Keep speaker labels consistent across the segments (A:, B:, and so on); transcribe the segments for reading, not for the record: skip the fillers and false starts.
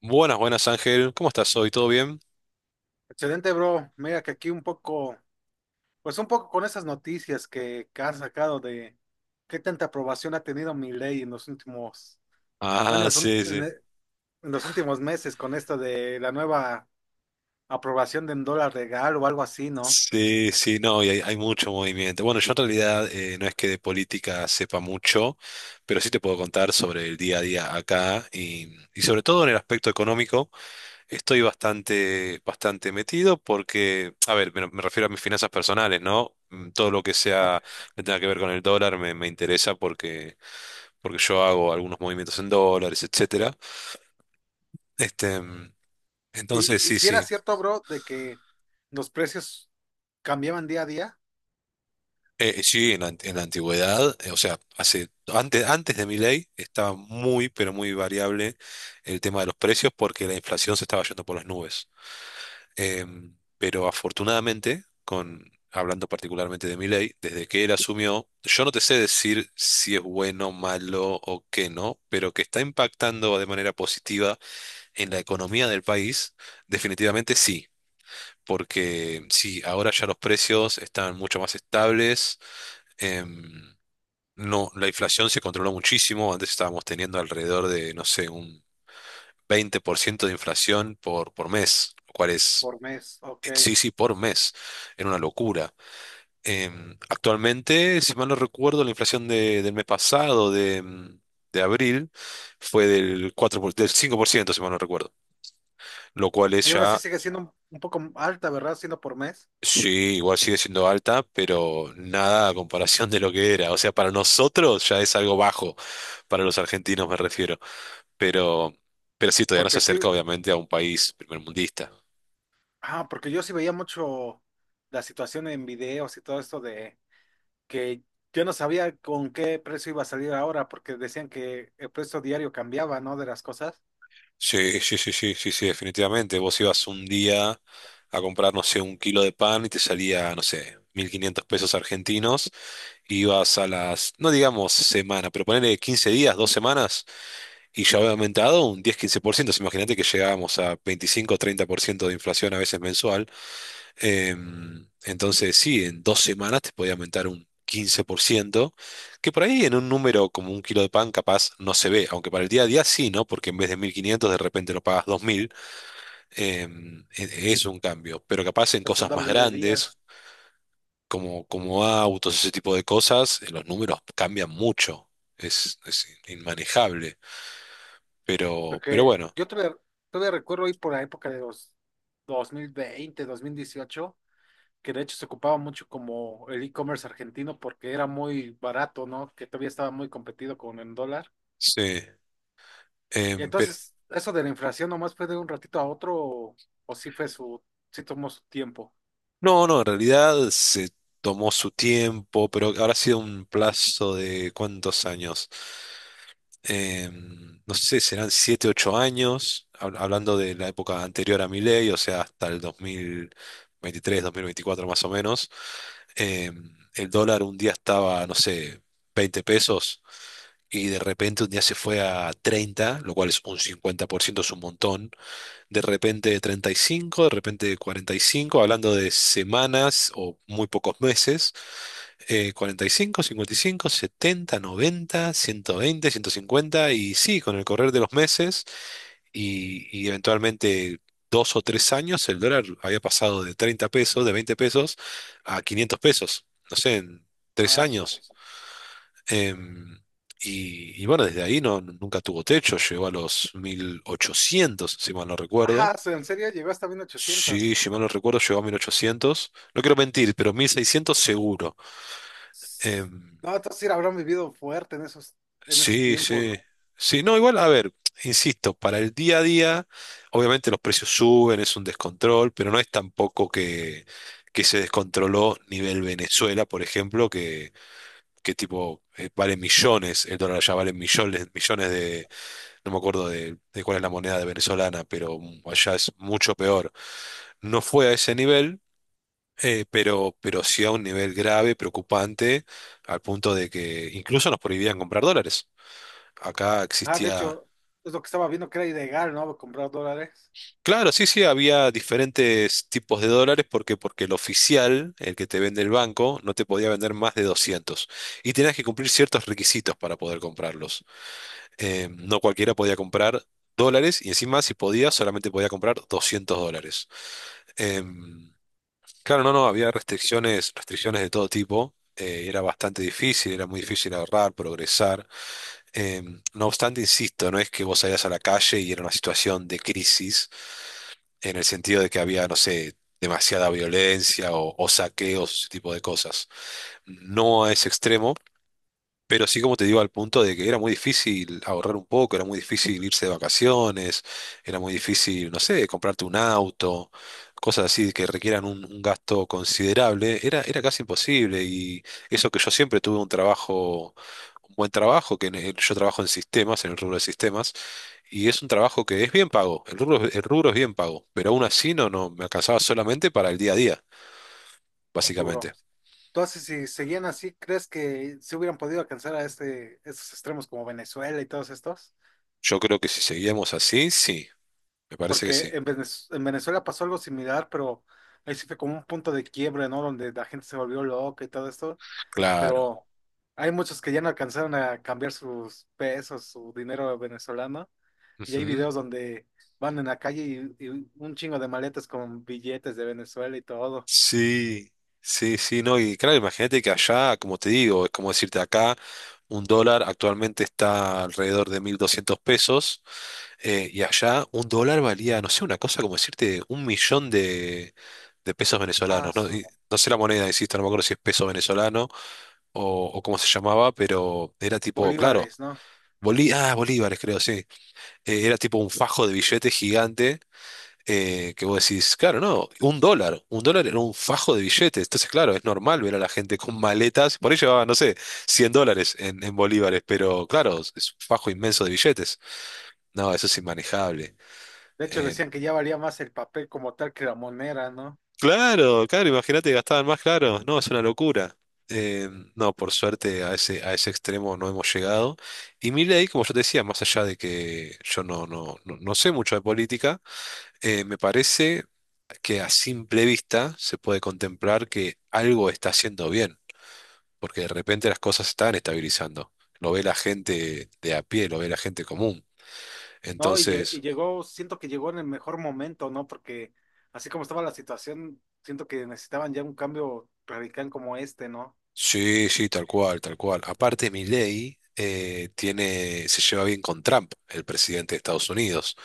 A: Buenas, buenas Ángel, ¿cómo estás hoy? ¿Todo bien?
B: Excelente, bro. Mira que aquí un poco, pues un poco con esas noticias que han sacado de qué tanta aprobación ha tenido mi ley en los últimos, bueno,
A: Ah,
B: es un-
A: sí,
B: en, e-
A: sí.
B: en los últimos meses con esto de la nueva aprobación de un dólar regal o algo así, ¿no?
A: Sí, sí, no, y hay mucho movimiento. Bueno, yo en realidad no es que de política sepa mucho, pero sí te puedo contar sobre el día a día acá y sobre todo en el aspecto económico estoy bastante, bastante metido porque, a ver, me refiero a mis finanzas personales, ¿no? Todo lo que
B: Ah,
A: sea, que tenga que ver con el dólar me interesa porque yo hago algunos movimientos en dólares, etcétera. Este, mm,
B: Y,
A: entonces,
B: y
A: sí,
B: si era
A: sí.
B: cierto, bro, de que los precios cambiaban día a día
A: Sí, en la antigüedad, o sea, antes de mi ley estaba muy, pero muy variable el tema de los precios porque la inflación se estaba yendo por las nubes. Pero afortunadamente, hablando particularmente de Milei, desde que él asumió, yo no te sé decir si es bueno, malo o qué no, pero que está impactando de manera positiva en la economía del país, definitivamente sí. Porque sí, ahora ya los precios están mucho más estables. em, no, la inflación se controló muchísimo. Antes estábamos teniendo alrededor de, no sé, un 20% de inflación por mes, lo cual es...
B: por mes, ok.
A: Sí, sí, por mes. Era una locura. Actualmente, si mal no recuerdo, la inflación del mes pasado, de abril, fue del 5%, si mal no recuerdo. Lo cual es
B: Y aún así
A: ya...
B: sigue siendo un poco alta, ¿verdad? Siendo por mes,
A: Sí, igual sigue siendo alta, pero nada a comparación de lo que era. O sea, para nosotros ya es algo bajo. Para los argentinos me refiero. pero, pero sí, todavía no se
B: porque sí,
A: acerca obviamente a un país primermundista.
B: Ah, porque yo sí veía mucho la situación en videos y todo esto de que yo no sabía con qué precio iba a salir ahora, porque decían que el precio diario cambiaba, ¿no? De las cosas,
A: Sí, sí, sí, sí, sí, sí, definitivamente. Vos ibas un día a comprar, no sé, un kilo de pan y te salía, no sé, 1.500 pesos argentinos. Ibas a las, no digamos semana, pero ponele 15 días, 2 semanas, y ya había aumentado un 10-15%. Entonces, imagínate que llegábamos a 25-30% de inflación a veces mensual. Entonces, sí, en 2 semanas te podía aumentar un 15%, que por ahí en un número como un kilo de pan capaz no se ve, aunque para el día a día sí, ¿no? Porque en vez de 1.500 de repente lo pagas 2.000, es un cambio. Pero capaz en
B: pues en
A: cosas más
B: doble de
A: grandes,
B: días.
A: como autos, ese tipo de cosas, los números cambian mucho. Es inmanejable. Pero
B: Porque
A: bueno,
B: yo todavía recuerdo ir por la época de los dos mil veinte, 2018, que de hecho se ocupaba mucho como el e-commerce argentino porque era muy barato, ¿no? Que todavía estaba muy competido con el dólar.
A: sí.
B: Y
A: Em, pero,
B: entonces, ¿eso de la inflación nomás fue de un ratito a otro o sí tomó su tiempo?
A: no, no, en realidad se tomó su tiempo, pero habrá sido un plazo de ¿cuántos años? No sé, serán 7 u 8 años, hablando de la época anterior a mi ley, o sea, hasta el dos mil veintitrés dos mil veinticuatro más o menos. El dólar un día estaba, no sé, 20 pesos y de repente un día se fue a 30, lo cual es un 50%, es un montón. De repente 35, de repente 45, hablando de semanas o muy pocos meses. 45, 55, 70, 90, 120, 150, y sí, con el correr de los meses y eventualmente... Dos o tres años, el dólar había pasado de 30 pesos, de 20 pesos, a 500 pesos. No sé, en tres
B: Ah, su.
A: años. Em, y bueno, desde ahí no, nunca tuvo techo, llegó a los 1.800, si mal no recuerdo.
B: Ajá, en serio llegó hasta
A: Sí,
B: 1800.
A: si mal no recuerdo, llegó a 1.800. No quiero mentir, pero 1.600 seguro. Em,
B: No, entonces sí la habrán vivido fuerte en esos
A: sí,
B: tiempos,
A: sí.
B: ¿no?
A: Sí, no, igual, a ver, insisto, para el día a día, obviamente los precios suben, es un descontrol, pero no es tampoco que, que, se descontroló nivel Venezuela, por ejemplo, que tipo vale millones, el dólar ya vale millones, millones de... No me acuerdo de cuál es la moneda de venezolana, pero allá es mucho peor. No fue a ese nivel, pero sí a un nivel grave, preocupante, al punto de que incluso nos prohibían comprar dólares. Acá
B: Ah, de
A: existía...
B: hecho, es lo que estaba viendo que era ilegal, ¿no? Comprar dólares.
A: Claro, sí, sí, había diferentes tipos de dólares porque el oficial, el que te vende el banco, no te podía vender más de 200, y tenías que cumplir ciertos requisitos para poder comprarlos. No cualquiera podía comprar dólares, y encima si podía, solamente podía comprar 200 dólares. Em, claro, no, no, había restricciones, restricciones de todo tipo. Era bastante difícil, era muy difícil ahorrar, progresar. No obstante, insisto, no es que vos salías a la calle y era una situación de crisis en el sentido de que había, no sé, demasiada violencia o saqueos, ese tipo de cosas. No a ese extremo, pero sí, como te digo, al punto de que era muy difícil ahorrar un poco, era muy difícil irse de vacaciones, era muy difícil, no sé, comprarte un auto, cosas así que requieran un gasto considerable, era casi imposible. Y eso que yo siempre tuve un trabajo, un buen trabajo, que yo trabajo en sistemas, en el rubro de sistemas, y es un trabajo que es bien pago, el rubro es bien pago, pero aún así no, no me alcanzaba solamente para el día a día,
B: Sí, bro.
A: básicamente.
B: Entonces, si seguían así, ¿crees que se hubieran podido alcanzar a este, esos extremos como Venezuela y todos estos?
A: Yo creo que si seguíamos así, sí, me parece que
B: Porque
A: sí.
B: en Venezuela pasó algo similar, pero ahí sí fue como un punto de quiebre, ¿no? Donde la gente se volvió loca y todo esto.
A: Claro.
B: Pero hay muchos que ya no alcanzaron a cambiar sus pesos, su dinero venezolano. Y hay
A: Ujú.
B: videos donde van en la calle y un chingo de maletas con billetes de Venezuela y todo.
A: Sí, sí, sí, no, y claro, imagínate que allá, como te digo, es como decirte acá, un dólar actualmente está alrededor de 1.200 pesos, y allá un dólar valía, no sé, una cosa como decirte 1 millón de, pesos
B: Ah,
A: venezolanos, ¿no?
B: su-
A: Y no sé la moneda, insisto, no me acuerdo si es peso venezolano o cómo se llamaba, pero era tipo, claro...
B: bolívares, ¿no?
A: Bolívares, creo, sí. Era tipo un fajo de billetes gigante, que vos decís, claro, no, un dólar era un fajo de billetes, entonces claro, es normal ver a la gente con maletas, por ahí llevaba, no sé, 100 dólares en bolívares, pero claro, es un fajo inmenso de billetes, no, eso es inmanejable.
B: De hecho
A: Eh,
B: decían que ya valía más el papel como tal que la moneda, ¿no?
A: claro, claro, imagínate que gastaban más, claro, no, es una locura. Eh, no, por suerte a ese, extremo no hemos llegado. Y Milei, como yo te decía, más allá de que yo no, no, no, no sé mucho de política, me parece que a simple vista se puede contemplar que algo está haciendo bien, porque de repente las cosas están estabilizando. Lo ve la gente de a pie, lo ve la gente común.
B: No, y
A: Entonces,
B: llegó, siento que llegó en el mejor momento, ¿no? Porque así como estaba la situación, siento que necesitaban ya un cambio radical como este, ¿no?
A: sí, sí, tal cual, tal cual. Aparte, Milei se lleva bien con Trump, el presidente de Estados Unidos.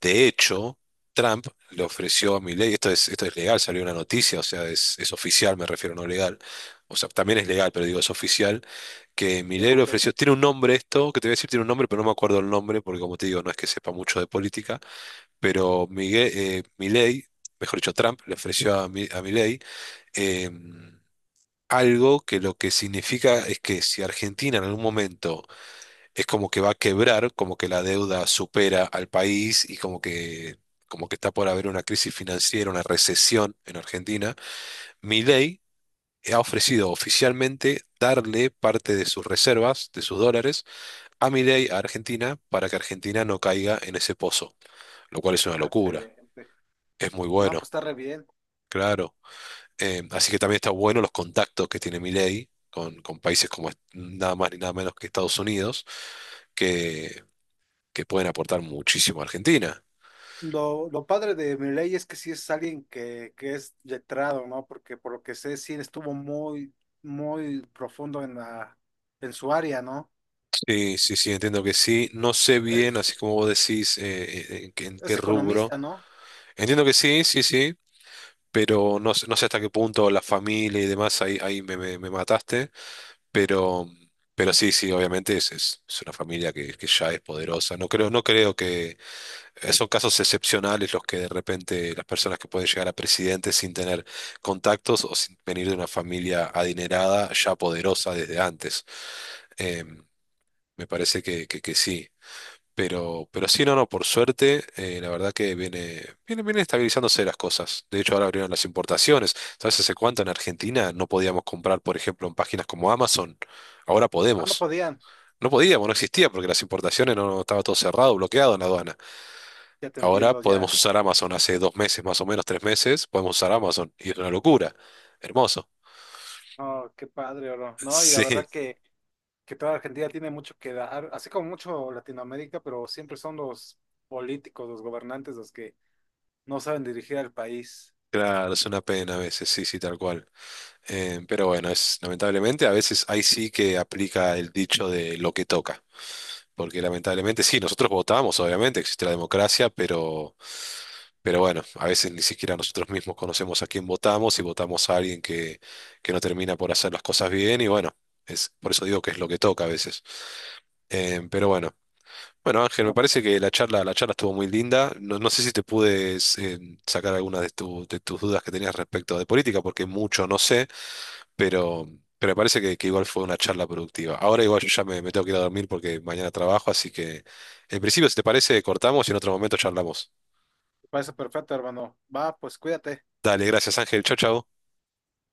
A: De hecho, Trump le ofreció a Milei, esto es, legal, salió una noticia, o sea, es oficial, me refiero, no legal. O sea, también es legal, pero digo, es oficial, que
B: Sí,
A: Milei le
B: ok,
A: ofreció, tiene un nombre esto, que te voy a decir, tiene un nombre, pero no me acuerdo el nombre, porque como te digo, no es que sepa mucho de política, pero Milei, mejor dicho, Trump le ofreció a Milei em, algo que, lo que significa es que si Argentina en algún momento es como que va a quebrar, como que la deuda supera al país y como que, está por haber una crisis financiera, una recesión en Argentina, Milei ha ofrecido oficialmente darle parte de sus reservas, de sus dólares, a Milei, a Argentina, para que Argentina no caiga en ese pozo, lo cual es una locura.
B: excelente.
A: Es muy
B: No, pues
A: bueno,
B: está re bien.
A: claro. Así que también está bueno los contactos que tiene Milei con, países como nada más ni nada menos que Estados Unidos, que, que pueden aportar muchísimo a Argentina.
B: Lo padre de Milei es que sí es alguien que es letrado, ¿no? Porque por lo que sé, sí estuvo muy, muy profundo en en su área, ¿no?
A: Sí, sí, sí, entiendo que sí. No sé bien,
B: Sí.
A: así como vos decís, en qué
B: Es economista,
A: rubro.
B: ¿no?
A: Entiendo que sí, sí, sí, pero no sé hasta qué punto la familia y demás, ahí, me mataste. Pero, pero sí, sí, obviamente es, una familia que ya es poderosa. No creo, no creo que son casos excepcionales los que de repente las personas que pueden llegar a presidente sin tener contactos o sin venir de una familia adinerada ya poderosa desde antes. Em, Me parece que, sí. Pero sí, no, no, por suerte, la verdad que viene estabilizándose las cosas. De hecho, ahora abrieron las importaciones. ¿Sabes hace cuánto en Argentina no podíamos comprar, por ejemplo, en páginas como Amazon? Ahora
B: Ah, no
A: podemos.
B: podían.
A: No podíamos, no existía, porque las importaciones no, estaba todo cerrado, bloqueado en la aduana.
B: Ya te
A: Ahora
B: entiendo, ya.
A: podemos usar Amazon. Hace 2 meses, más o menos, 3 meses, podemos usar Amazon. Y es una locura. Hermoso.
B: Oh, qué padre, oro. No, y la verdad
A: Sí,
B: que toda Argentina tiene mucho que dar, así como mucho Latinoamérica, pero siempre son los políticos, los gobernantes, los que no saben dirigir al país.
A: claro, es una pena a veces, sí, sí, tal cual. Pero bueno, es lamentablemente, a veces ahí sí que aplica el dicho de lo que toca, porque lamentablemente sí, nosotros votamos, obviamente existe la democracia, pero, bueno, a veces ni siquiera nosotros mismos conocemos a quién votamos y votamos a alguien que no termina por hacer las cosas bien, y bueno, por eso digo que es lo que toca a veces. Pero bueno, bueno Ángel, me
B: Bueno, pues,
A: parece que la charla estuvo muy linda, no, no sé si te pude sacar algunas de tus dudas que tenías respecto de política, porque mucho no sé. Pero, pero me parece que, igual fue una charla productiva. Ahora igual yo ya me tengo que ir a dormir porque mañana trabajo, así que en principio, si te parece, cortamos y en otro momento charlamos.
B: me parece perfecto, hermano. Va, pues cuídate.
A: Dale, gracias Ángel. Chau, chau.